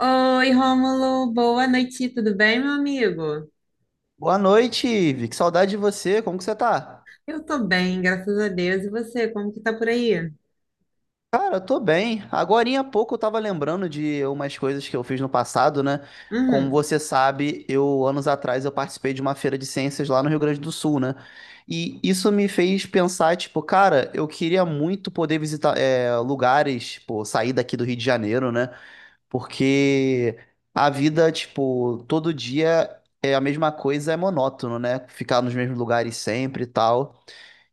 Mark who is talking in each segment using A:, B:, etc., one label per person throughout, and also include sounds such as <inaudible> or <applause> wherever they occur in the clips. A: Oi, Rômulo, boa noite, tudo bem, meu amigo?
B: Boa noite, Ivi. Que saudade de você. Como que você tá?
A: Eu tô bem, graças a Deus. E você, como que tá por aí?
B: Cara, tô bem. Agorinha há pouco eu tava lembrando de umas coisas que eu fiz no passado, né? Como
A: Uhum.
B: você sabe, eu anos atrás eu participei de uma feira de ciências lá no Rio Grande do Sul, né? E isso me fez pensar, tipo, cara, eu queria muito poder visitar lugares, pô, sair daqui do Rio de Janeiro, né? Porque a vida, tipo, todo dia é a mesma coisa, é monótono, né? Ficar nos mesmos lugares sempre e tal.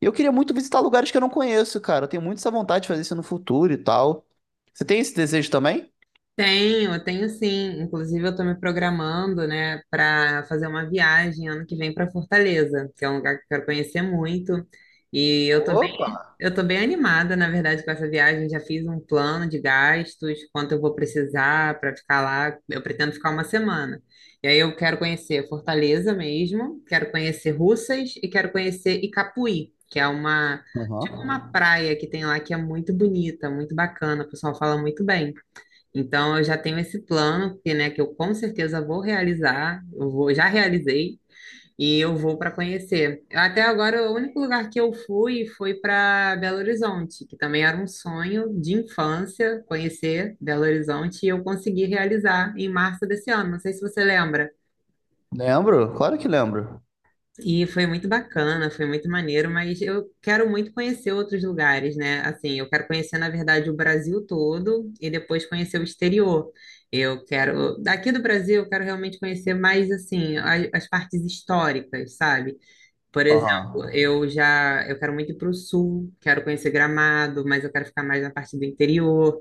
B: E eu queria muito visitar lugares que eu não conheço, cara. Eu tenho muito essa vontade de fazer isso no futuro e tal. Você tem esse desejo também?
A: Tenho, tenho sim. Inclusive, eu tô me programando, né, para fazer uma viagem ano que vem para Fortaleza, que é um lugar que eu quero conhecer muito. E eu tô
B: Opa!
A: Eu estou bem animada, na verdade, com essa viagem. Já fiz um plano de gastos, quanto eu vou precisar para ficar lá. Eu pretendo ficar uma semana. E aí eu quero conhecer Fortaleza mesmo, quero conhecer Russas e quero conhecer Icapuí, que é uma, tipo uma
B: Aham.
A: praia que tem lá que é muito bonita, muito bacana. O pessoal fala muito bem. Então eu já tenho esse plano que, né, que eu com certeza vou realizar. Eu vou, já realizei. E eu vou para conhecer. Até agora, o único lugar que eu fui foi para Belo Horizonte, que também era um sonho de infância conhecer Belo Horizonte, e eu consegui realizar em março desse ano. Não sei se você lembra.
B: Lembro? Claro que lembro.
A: E foi muito bacana, foi muito maneiro, mas eu quero muito conhecer outros lugares, né? Assim, eu quero conhecer, na verdade, o Brasil todo e depois conhecer o exterior. Eu quero, daqui do Brasil, eu quero realmente conhecer mais, assim, as partes históricas, sabe? Por exemplo,
B: Aham.
A: eu quero muito ir para o sul, quero conhecer Gramado, mas eu quero ficar mais na parte do interior,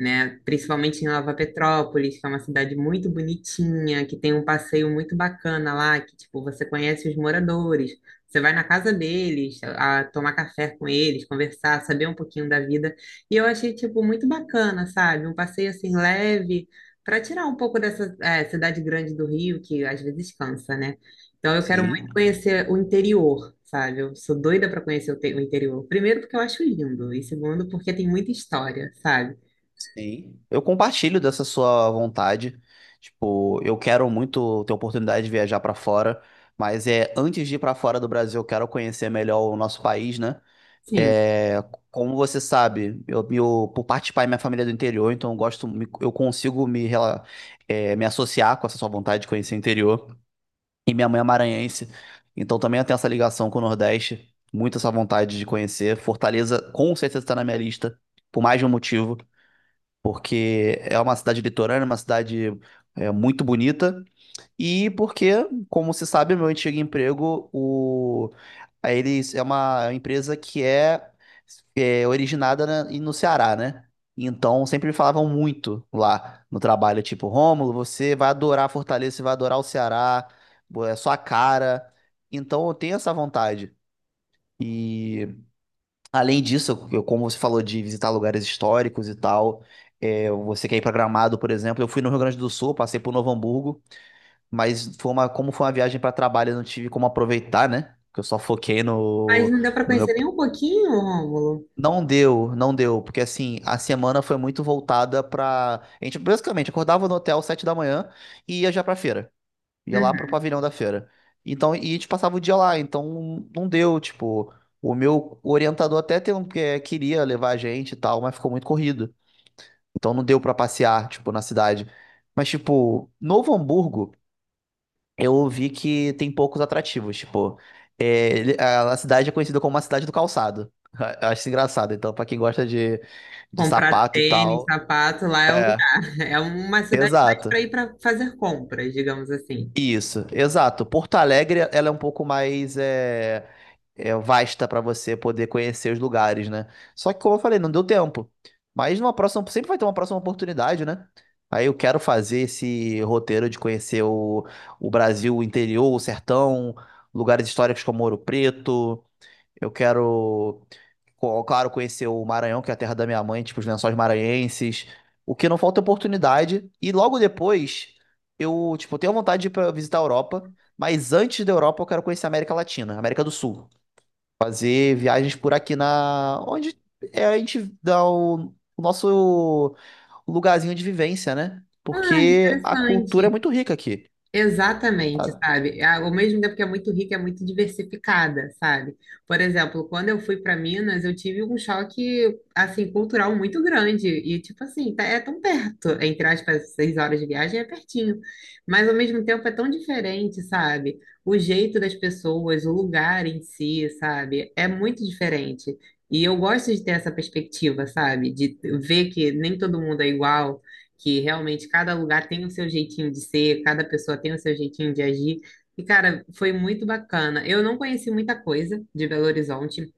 A: né? Principalmente em Nova Petrópolis, que é uma cidade muito bonitinha, que tem um passeio muito bacana lá, que tipo, você conhece os moradores, você vai na casa deles, a tomar café com eles, conversar, saber um pouquinho da vida. E eu achei tipo muito bacana, sabe? Um passeio assim leve para tirar um pouco dessa cidade grande do Rio, que às vezes cansa, né? Então eu quero
B: Sim,
A: conhecer o interior, sabe? Eu sou doida pra conhecer o interior. Primeiro, porque eu acho lindo, e segundo, porque tem muita história, sabe?
B: sim. Eu compartilho dessa sua vontade. Tipo, eu quero muito ter oportunidade de viajar pra fora, mas antes de ir pra fora do Brasil, eu quero conhecer melhor o nosso país, né?
A: Sim,
B: É, Como você sabe, eu, meu, por parte de pai, minha família é do interior, então eu gosto, eu consigo me, me associar com essa sua vontade de conhecer o interior. E minha mãe é maranhense, então também eu tenho essa ligação com o Nordeste, muito essa vontade de conhecer. Fortaleza com certeza está na minha lista, por mais de um motivo, porque é uma cidade litorânea, uma cidade muito bonita e porque, como se sabe, meu antigo emprego, o... a eles é uma empresa que é originada no Ceará, né? Então sempre me falavam muito lá no trabalho, tipo, Rômulo, você vai adorar Fortaleza, você vai adorar o Ceará, é sua cara. Então eu tenho essa vontade. E além disso, eu, como você falou de visitar lugares históricos e tal, você quer ir para Gramado, por exemplo, eu fui no Rio Grande do Sul, passei por Novo Hamburgo. Mas foi uma, como foi uma viagem para trabalho, eu não tive como aproveitar, né? Porque eu só foquei
A: mas
B: no,
A: não deu pra
B: no
A: conhecer
B: meu.
A: nem um pouquinho, Rômulo.
B: Não deu, não deu, porque assim, a semana foi muito voltada pra. A gente basicamente acordava no hotel às 7 da manhã e ia já pra feira. Ia lá pro
A: Uhum.
B: pavilhão da feira. Então, e a gente passava o dia lá, então não deu, tipo. O meu orientador até tem queria levar a gente e tal, mas ficou muito corrido. Então não deu pra passear, tipo, na cidade. Mas, tipo, Novo Hamburgo, eu ouvi que tem poucos atrativos. Tipo, a cidade é conhecida como a cidade do calçado. <laughs> Eu acho isso engraçado. Então, pra quem gosta de
A: Comprar
B: sapato e
A: tênis,
B: tal.
A: sapato, lá é o
B: É,
A: lugar. <laughs> É uma cidade mais
B: exato.
A: pra ir pra fazer compras, digamos assim.
B: Isso, exato. Porto Alegre, ela é um pouco mais. Vasta para você poder conhecer os lugares, né? Só que, como eu falei, não deu tempo. Mas numa próxima, sempre vai ter uma próxima oportunidade, né? Aí eu quero fazer esse roteiro de conhecer o Brasil, o interior, o sertão, lugares históricos como Ouro Preto. Eu quero, claro, conhecer o Maranhão, que é a terra da minha mãe, tipo os Lençóis Maranhenses. O que não falta é oportunidade. E logo depois, eu, tipo, tenho vontade de ir pra visitar a Europa. Mas antes da Europa, eu quero conhecer a América Latina, América do Sul. Fazer viagens por aqui na. Onde a gente dá o nosso lugarzinho de vivência, né?
A: Ah,
B: Porque a cultura é
A: interessante.
B: muito rica aqui.
A: Exatamente,
B: Ah,
A: sabe? Ao mesmo tempo que é muito rica, é muito diversificada, sabe? Por exemplo, quando eu fui para Minas, eu tive um choque, assim, cultural muito grande. E, tipo assim, é tão perto, entre aspas, 6 horas de viagem é pertinho. Mas, ao mesmo tempo, é tão diferente, sabe? O jeito das pessoas, o lugar em si, sabe? É muito diferente. E eu gosto de ter essa perspectiva, sabe? De ver que nem todo mundo é igual que realmente cada lugar tem o seu jeitinho de ser, cada pessoa tem o seu jeitinho de agir. E, cara, foi muito bacana. Eu não conheci muita coisa de Belo Horizonte.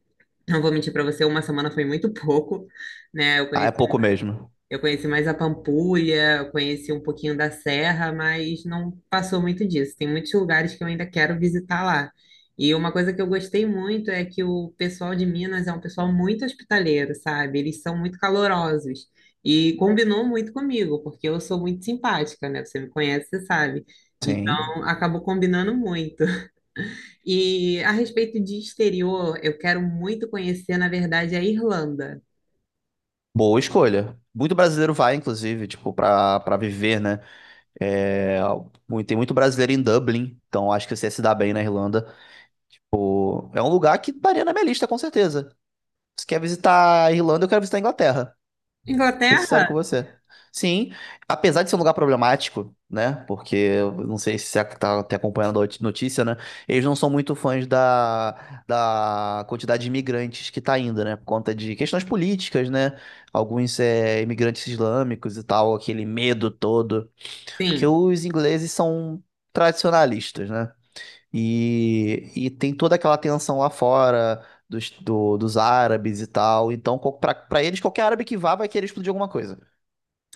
A: Não vou mentir para você, uma semana foi muito <laughs> pouco, né?
B: ah, é pouco mesmo.
A: Eu conheci mais a Pampulha, eu conheci um pouquinho da Serra, mas não passou muito disso. Tem muitos lugares que eu ainda quero visitar lá. E uma coisa que eu gostei muito é que o pessoal de Minas é um pessoal muito hospitaleiro, sabe? Eles são muito calorosos. E combinou muito comigo, porque eu sou muito simpática, né? Você me conhece, você sabe.
B: Sim.
A: Então, acabou combinando muito. E a respeito de exterior, eu quero muito conhecer, na verdade, a Irlanda.
B: Boa escolha. Muito brasileiro vai, inclusive, tipo, pra viver, né? É, tem muito brasileiro em Dublin, então acho que você ia se dá bem na Irlanda. Pô, é um lugar que estaria na minha lista, com certeza. Se quer visitar a Irlanda, eu quero visitar a Inglaterra. Ser sincero
A: Inglaterra?
B: com você. Sim, apesar de ser um lugar problemático, né? Porque eu não sei se você tá até acompanhando a notícia, né? Eles não são muito fãs da quantidade de imigrantes que tá indo, né? Por conta de questões políticas, né? Alguns imigrantes islâmicos e tal, aquele medo todo. Porque
A: Sim.
B: os ingleses são tradicionalistas, né? E tem toda aquela tensão lá fora. Dos árabes e tal. Então, pra eles, qualquer árabe que vá vai querer explodir alguma coisa.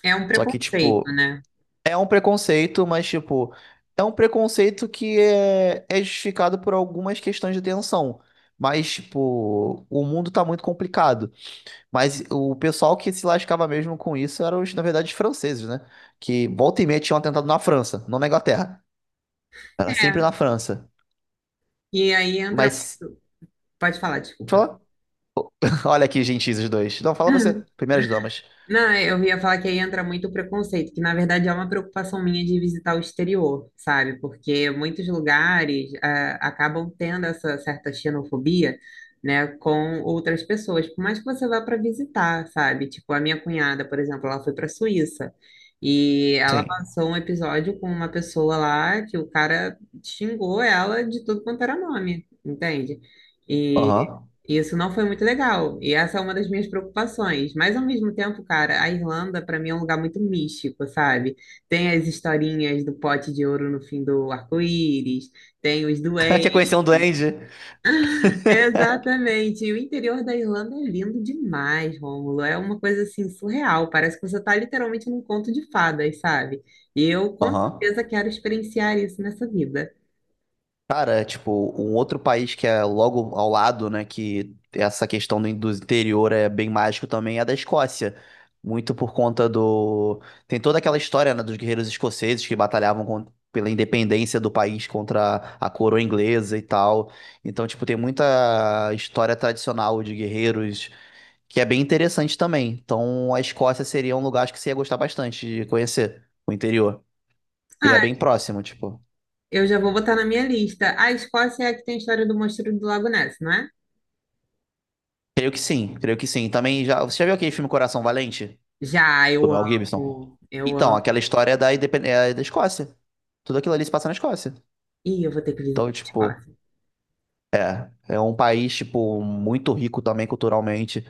A: É um
B: Só que,
A: preconceito,
B: tipo,
A: né?
B: é um preconceito, mas, tipo, é um preconceito que é justificado por algumas questões de tensão. Mas, tipo, o mundo tá muito complicado. Mas o pessoal que se lascava mesmo com isso eram, na verdade, os franceses, né? Que volta e meia tinham atentado na França, não na Inglaterra. Era sempre
A: É.
B: na França.
A: E aí entra.
B: Mas,
A: Pode falar, desculpa.
B: fala. <laughs> Olha aqui, gentis, os dois. Não, fala você. Primeiras damas.
A: Não, é, eu ia falar que aí entra muito o preconceito, que na verdade é uma preocupação minha de visitar o exterior, sabe? Porque muitos lugares acabam tendo essa certa xenofobia, né, com outras pessoas, por mais que você vá para visitar, sabe? Tipo, a minha cunhada, por exemplo, ela foi para a Suíça e ela
B: Sim.
A: passou um episódio com uma pessoa lá que o cara xingou ela de tudo quanto era nome, entende?
B: Aham.
A: Isso não foi muito legal. E essa é uma das minhas preocupações. Mas ao mesmo tempo, cara, a Irlanda para mim é um lugar muito místico, sabe? Tem as historinhas do pote de ouro no fim do arco-íris, tem os
B: <laughs> Quer
A: duendes.
B: conhecer um duende?
A: Exatamente. E o interior da Irlanda é lindo demais, Rômulo. É uma coisa assim surreal. Parece que você está literalmente num conto de fadas, sabe? E eu com
B: Aham.
A: certeza quero experienciar isso nessa vida.
B: Cara, tipo, um outro país que é logo ao lado, né, que essa questão do interior é bem mágico também, é a da Escócia. Muito por conta do... Tem toda aquela história, né, dos guerreiros escoceses que batalhavam pela independência do país contra a coroa inglesa e tal. Então, tipo, tem muita história tradicional de guerreiros que é bem interessante também. Então, a Escócia seria um lugar acho que você ia gostar bastante de conhecer, o interior. E é
A: Ah,
B: bem próximo, tipo.
A: eu já vou botar na minha lista. A Escócia é a que tem a história do monstro do Lago Ness, não é?
B: Creio que sim, creio que sim. Também já. Você já viu aquele filme Coração Valente?
A: Já,
B: Do
A: eu
B: Mel Gibson?
A: amo, eu
B: Então, aquela
A: amo.
B: história é da Escócia. Tudo aquilo ali se passa na Escócia.
A: Ih, eu vou ter que
B: Então,
A: visitar a
B: tipo,
A: Escócia.
B: é um país, tipo, muito rico também culturalmente.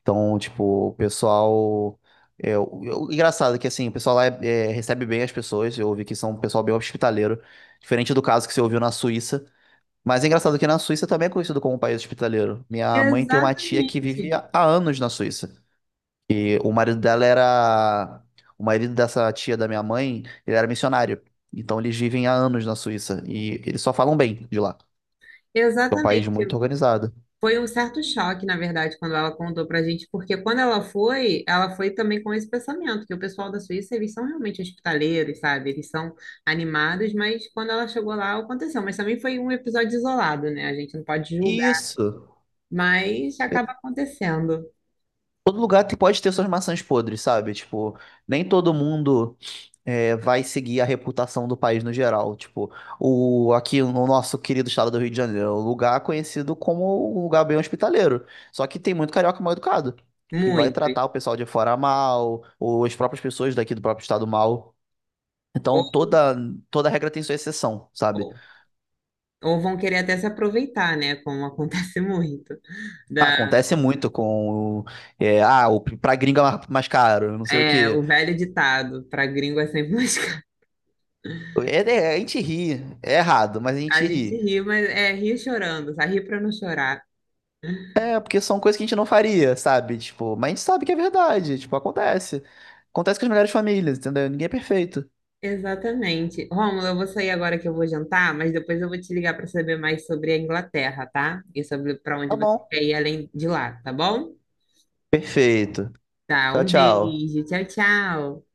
B: Então, tipo, o pessoal. O engraçado é que, assim, o pessoal lá recebe bem as pessoas. Eu ouvi que são um pessoal bem hospitaleiro. Diferente do caso que você ouviu na Suíça. Mas é engraçado que na Suíça também é conhecido como um país hospitaleiro. Minha mãe tem uma tia que vive
A: Exatamente,
B: há anos na Suíça. E o marido dela era. O marido dessa tia da minha mãe, ele era missionário. Então eles vivem há anos na Suíça. E eles só falam bem de lá. É um país muito
A: exatamente.
B: organizado.
A: Foi um certo choque, na verdade, quando ela contou pra gente, porque quando ela foi também com esse pensamento, que o pessoal da Suíça, eles são realmente hospitaleiros, sabe? Eles são animados, mas quando ela chegou lá, aconteceu. Mas também foi um episódio isolado, né? A gente não pode julgar,
B: Isso.
A: mas acaba acontecendo.
B: Todo lugar pode ter suas maçãs podres, sabe? Tipo, nem todo mundo vai seguir a reputação do país no geral. Tipo, aqui no nosso querido estado do Rio de Janeiro, é um lugar conhecido como um lugar bem hospitaleiro. Só que tem muito carioca mal educado, que vai
A: Muitos.
B: tratar o pessoal de fora mal, ou as próprias pessoas daqui do próprio estado mal.
A: Ou,
B: Então, toda regra tem sua exceção, sabe?
A: ou, ou vão querer até se aproveitar, né? Como acontece <laughs> muito
B: Ah, acontece muito com, pra gringa é mais caro, não sei o
A: É,
B: quê.
A: o velho ditado, pra gringo é sempre mais <laughs> caro.
B: É- a gente ri, é errado, mas a
A: A
B: gente
A: gente
B: ri.
A: ri, mas é ri chorando, sabe? Ri pra não chorar.
B: É, porque são coisas que a gente não faria, sabe? Tipo, mas a gente sabe que é verdade, tipo, acontece. Acontece com as melhores famílias, entendeu? Ninguém é perfeito.
A: Exatamente. Rômulo, eu vou sair agora que eu vou jantar, mas depois eu vou te ligar pra saber mais sobre a Inglaterra, tá? E sobre pra
B: Tá
A: onde você
B: bom.
A: quer ir além de lá, tá bom?
B: Perfeito.
A: Tá,
B: Tchau,
A: um
B: tchau.
A: beijo. Tchau, tchau.